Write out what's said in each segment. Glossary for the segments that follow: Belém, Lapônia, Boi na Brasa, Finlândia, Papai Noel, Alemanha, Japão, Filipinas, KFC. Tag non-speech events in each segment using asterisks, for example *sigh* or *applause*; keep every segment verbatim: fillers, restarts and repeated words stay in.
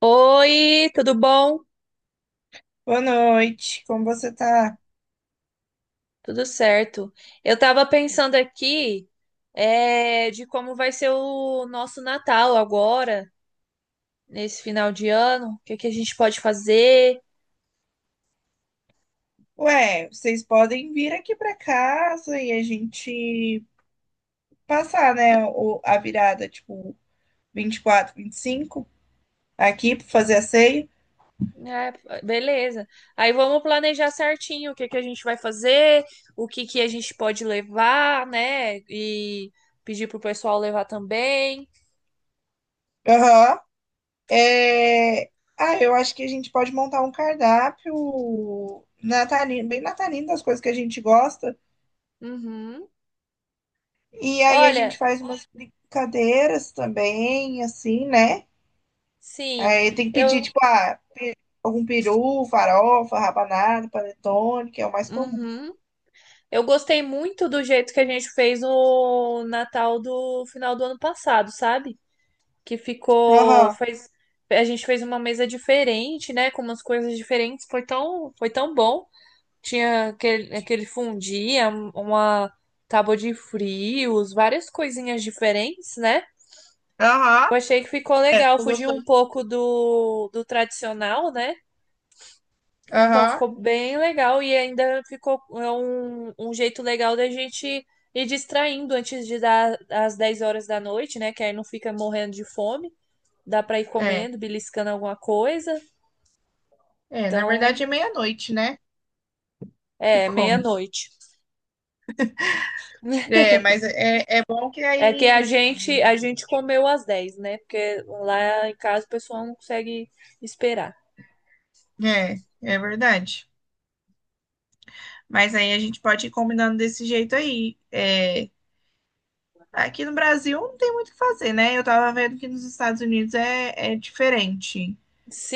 Oi, tudo bom? Boa noite, como você tá? Tudo certo. Eu tava pensando aqui, é, de como vai ser o nosso Natal agora, nesse final de ano, o que que a gente pode fazer. Ué, vocês podem vir aqui pra casa e a gente passar, né, o- a virada, tipo, vinte vinte e quatro, vinte e cinco aqui pra fazer a ceia. É, beleza. Aí vamos planejar certinho o que que a gente vai fazer, o que que a gente pode levar, né? E pedir pro pessoal levar também. Aham. É... Ah, eu acho que a gente pode montar um cardápio natalino, bem natalino das coisas que a gente gosta. Uhum. E aí a gente Olha, faz umas brincadeiras também, assim, né? sim, Aí tem que pedir, eu. tipo, ah, algum peru, farofa, rabanada, panetone, que é o mais comum. Uhum. Eu gostei muito do jeito que a gente fez o Natal do final do ano passado, sabe? Que ficou, Aham, fez, a gente fez uma mesa diferente, né? Com umas coisas diferentes. Foi tão, foi tão bom. Tinha aquele, aquele fundia, uma tábua de frios, várias coisinhas diferentes, né? aham, Eu achei que ficou é, legal, tô fugiu um gostoso. pouco do, do tradicional, né? Então Aham, ficou bem legal e ainda ficou é um, um jeito legal da gente ir distraindo antes de dar às dez horas da noite, né? Que aí não fica morrendo de fome. Dá pra ir é. comendo, beliscando alguma coisa. É, na Então, verdade é meia-noite, né? Que é, come. meia-noite. É, mas é, é bom que É que a aí. gente a gente comeu às dez, né? Porque lá em casa o pessoal não consegue esperar. É, é verdade. Mas aí a gente pode ir combinando desse jeito aí. É, aqui no Brasil não tem muito o que fazer, né? Eu tava vendo que nos Estados Unidos é, é diferente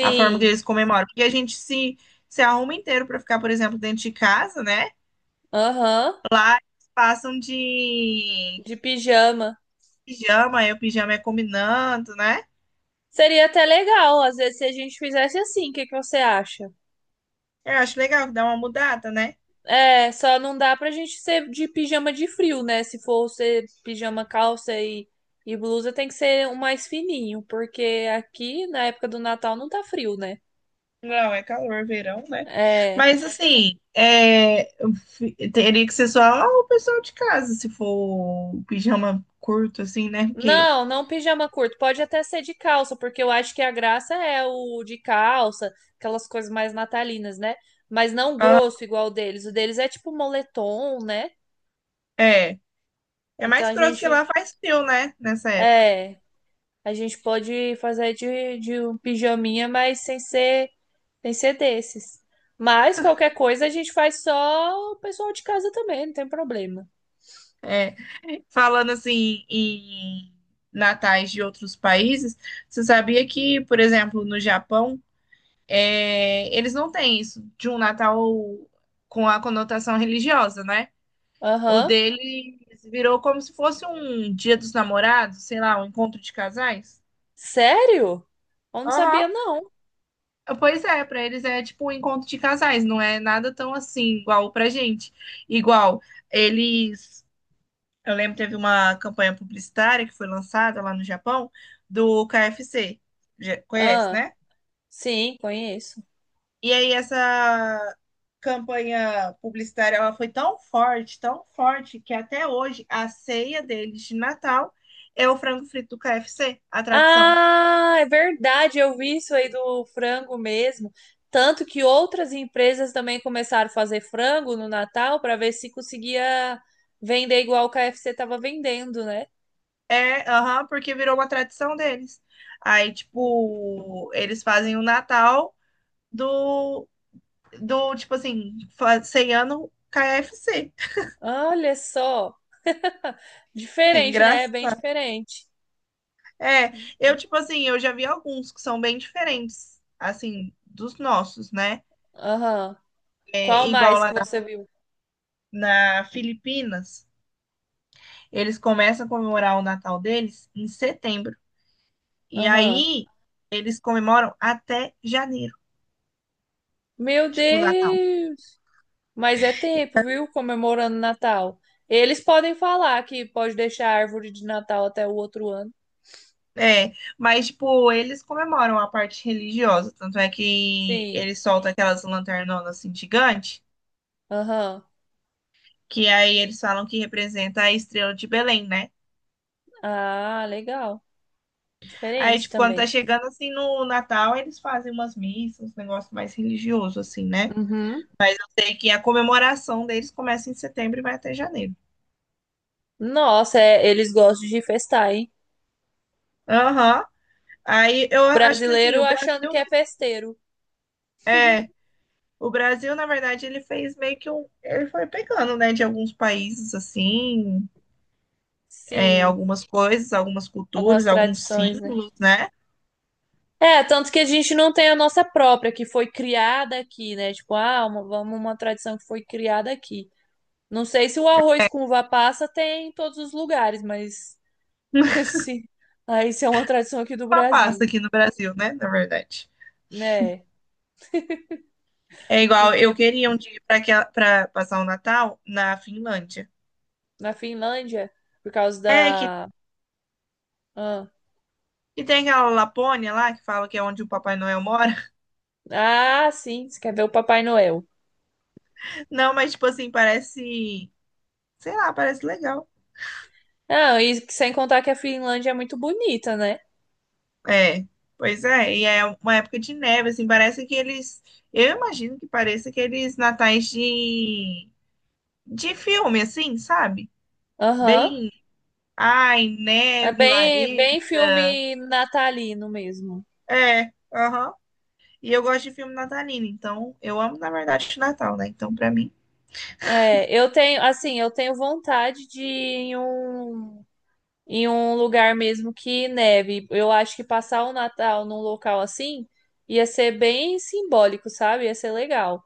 a forma que eles comemoram. Porque a gente se, se arruma inteiro pra ficar, por exemplo, dentro de casa, né? Aham. Lá eles passam de De pijama. pijama, aí o pijama é combinando, né? Seria até legal, às vezes, se a gente fizesse assim. O que que você acha? Eu acho legal, que dá uma mudada, né? É, só não dá pra gente ser de pijama de frio, né? Se for ser pijama, calça e, e blusa, tem que ser um mais fininho, porque aqui na época do Natal não tá frio, né? Não, é calor, verão, né? É. Mas assim, é, eu fi- teria que ser só o pessoal de casa, se for o pijama curto, assim, né? Porque Não, não pijama curto. Pode até ser de calça, porque eu acho que a graça é o de calça, aquelas coisas mais natalinas, né? Mas não ah, grosso igual o deles. O deles é tipo moletom, né? é, é Então mais a grosso que gente. lá faz frio, né? Nessa época. É. A gente pode fazer de, de um pijaminha, mas sem ser. Tem que ser desses. Mas qualquer coisa a gente faz só o pessoal de casa também, não tem problema. É. Falando assim em natais de outros países, você sabia que, por exemplo, no Japão, é, eles não têm isso de um Natal com a conotação religiosa, né? O Aham. deles virou como se fosse um Dia dos Namorados, sei lá, um encontro de casais. Sério? Eu não Aham. sabia, não. Pois é, para eles é tipo um encontro de casais, não é nada tão assim igual pra gente. Igual eles, eu lembro que teve uma campanha publicitária que foi lançada lá no Japão do K F C. Já conhece, Ah, né? sim, conheço. E aí essa campanha publicitária ela foi tão forte, tão forte, que até hoje a ceia deles de Natal é o frango frito do K F C, a tradição. Ah, é verdade, eu vi isso aí do frango mesmo. Tanto que outras empresas também começaram a fazer frango no Natal para ver se conseguia vender igual o K F C estava vendendo, né? É, aham, porque virou uma tradição deles. Aí, tipo, eles fazem o Natal do, do tipo assim, fa- ceiano K F C. Olha só, É diferente, né? Bem engraçado. diferente. É, eu, tipo assim, eu já vi alguns que são bem diferentes, assim, dos nossos, né? Aham. É, Qual igual mais que lá você viu? na Filipinas, eles começam a comemorar o Natal deles em setembro. E Aham. aí eles comemoram até janeiro, Meu tipo o Natal. Deus! Mas é tempo, viu? Comemorando Natal. Eles podem falar que pode deixar a árvore de Natal até o outro ano. É, mas tipo, eles comemoram a parte religiosa, tanto é que Sim. eles soltam aquelas lanternonas assim gigantes. Aham. Que aí eles falam que representa a estrela de Belém, né? Ah, legal. Aí, Diferente tipo, quando tá também. chegando assim no Natal, eles fazem umas missas, uns negócios mais religiosos assim, né? Uhum. Mas eu sei que a comemoração deles começa em setembro e vai até janeiro. Nossa, é- eles gostam de festar, hein? Aham. Aí eu O acho que assim, brasileiro o achando Brasil que é festeiro. é, o Brasil, na verdade, ele fez meio que um, ele foi pegando, né, de alguns países assim, é, Sim. algumas coisas, algumas Algumas culturas, alguns tradições, né? símbolos, né? É, tanto que a gente não tem a nossa própria, que foi criada aqui, né? Tipo, ah, uma- vamos uma tradição que foi criada aqui. Não sei se o arroz com uva passa tem em todos os lugares, mas *laughs* *laughs* assim, ah, isso é uma tradição aqui do Uma pasta Brasil, aqui no Brasil, né, na verdade. né? É igual, eu Porque queria um dia para para passar o Natal na Finlândia. na Finlândia, por causa É que da. Ah, que tem aquela Lapônia lá que fala que é onde o Papai Noel mora. ah, sim, você quer ver o Papai Noel. *laughs* Não, mas tipo assim, parece, sei lá, parece legal. Ah, e sem contar que a Finlândia é muito bonita, né? É, pois é, e é uma época de neve, assim, parece que eles, eu imagino que pareça aqueles natais de, de filme, assim, sabe? Aham. Bem, ai, É neve, bem, lareira. bem filme natalino mesmo. É, aham. E eu gosto de filme natalino, então, eu amo, na verdade, o Natal, né? Então, pra mim, É, eu tenho, assim, eu tenho vontade de ir em um em um lugar mesmo que neve. Eu acho que passar o Natal num local assim ia ser bem simbólico, sabe? Ia ser legal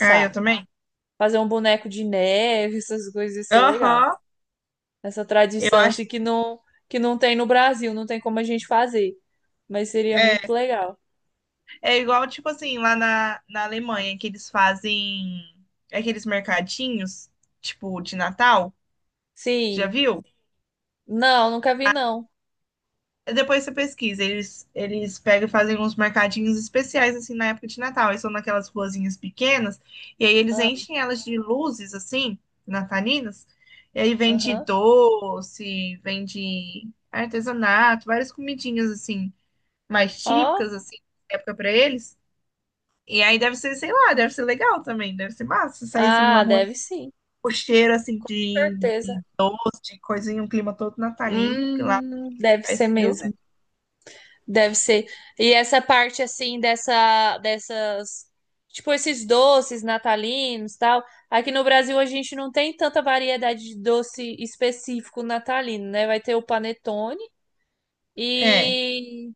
ah, eu também. Fazer um boneco de neve, essas coisas ia ser legal. Aham. Essa Eu tradição acho, assim que não que não tem no Brasil, não tem como a gente fazer, mas seria é, muito legal. é igual, tipo assim, lá na, na Alemanha, que eles fazem aqueles mercadinhos, tipo, de Natal, já Sim. viu? Não, nunca vi não. Depois você pesquisa, eles, eles pegam e fazem uns mercadinhos especiais, assim, na época de Natal. Eles são naquelas ruazinhas pequenas, e aí eles Ah, enchem elas de luzes, assim, natalinas. E aí vende aham. doce, vende artesanato, várias comidinhas, assim, mais Ó. típicas, assim, da época pra eles. E aí deve ser, sei lá, deve ser legal também, deve ser massa sair assim numa Ah, rua, deve sim. o cheiro, assim, Com de, certeza. de doce, de coisinha, um clima todo natalino, porque lá Hum, deve ser faz frio, né? mesmo. Deve ser. E essa parte assim dessa dessas tipo esses doces natalinos, tal. Aqui no Brasil a gente não tem tanta variedade de doce específico natalino, né? Vai ter o panetone É, e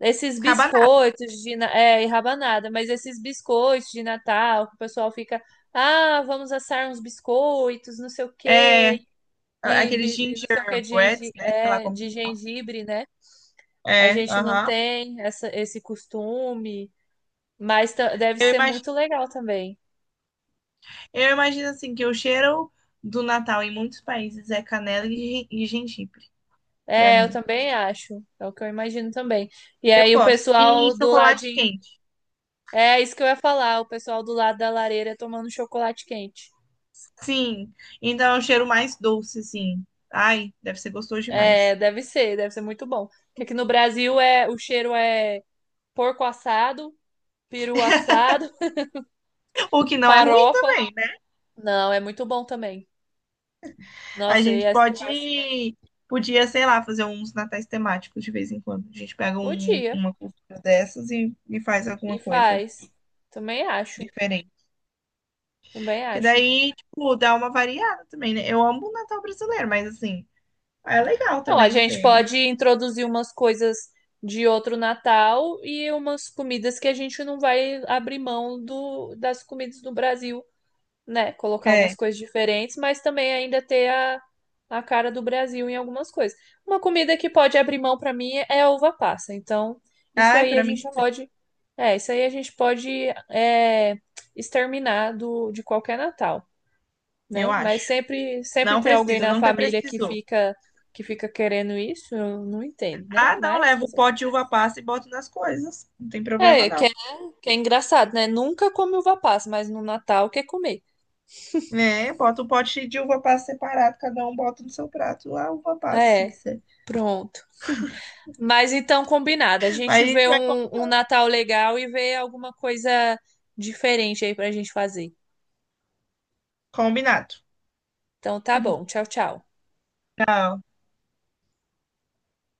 esses acaba biscoitos de na- é, e rabanada, mas esses biscoitos de Natal que o pessoal fica, ah, vamos assar uns biscoitos, não sei o quê. é, E, aqueles bi- e não sei o que de, gingerbreads, gengi- né? Sei lá é, como de que fala. gengibre, né? A É, gente não aham. tem essa, esse costume, mas ta- deve Eu ser imagino, muito legal também. eu imagino assim que o cheiro do Natal em muitos países é canela e, gen- e gengibre, pra É, eu mim. também acho. É o que eu imagino também. E Eu aí o gosto. E pessoal do chocolate ladinho. quente. É isso que eu ia falar, o pessoal do lado da lareira tomando chocolate quente. Sim. Então é um cheiro mais doce, assim. Ai, deve ser gostoso É, demais. deve ser, deve ser muito bom. Porque aqui no Brasil é, o cheiro é porco assado, peru assado, O que *laughs* não é ruim farofa. também, né? Não, é muito bom também. A Nossa, e gente essa conversa pode, podia, sei lá, fazer uns natais temáticos de vez em quando. A gente pega um- podia. uma cultura dessas e, e faz E alguma coisa faz. Também acho. diferente. Também Que acho. daí, tipo, dá uma variada também, né? Eu amo o Natal brasileiro, mas assim, é legal Não, a também gente ser. pode introduzir umas coisas de outro Natal e umas comidas que a gente não vai abrir mão do, das comidas do Brasil, né? Colocar umas É. coisas diferentes, mas também ainda ter a, a cara do Brasil em algumas coisas. Uma comida que pode abrir mão para mim é a uva passa. Então, isso Ai, aí a pra mim gente também, pode, é, isso aí a gente pode é, exterminar do, de qualquer Natal, eu né? Mas acho. sempre, sempre Não tem alguém preciso, na nunca família que precisou. fica que fica querendo isso, eu não entendo, né? Ah, não, Mas levo o fazer o pote de uva passa e boto nas coisas. Não tem quê? problema, é, que é, não. Que é engraçado, né? Nunca come uva passa, mas no Natal quer comer. É, bota o pote de uva passa separado, cada um bota no seu prato a uva passa, se É, quiser. pronto. Mas então combinado, a Mas gente a gente vê vai um, um combinar. Natal legal e vê alguma coisa diferente aí pra gente fazer. Combinado. Então tá bom, tchau, tchau. Tchau.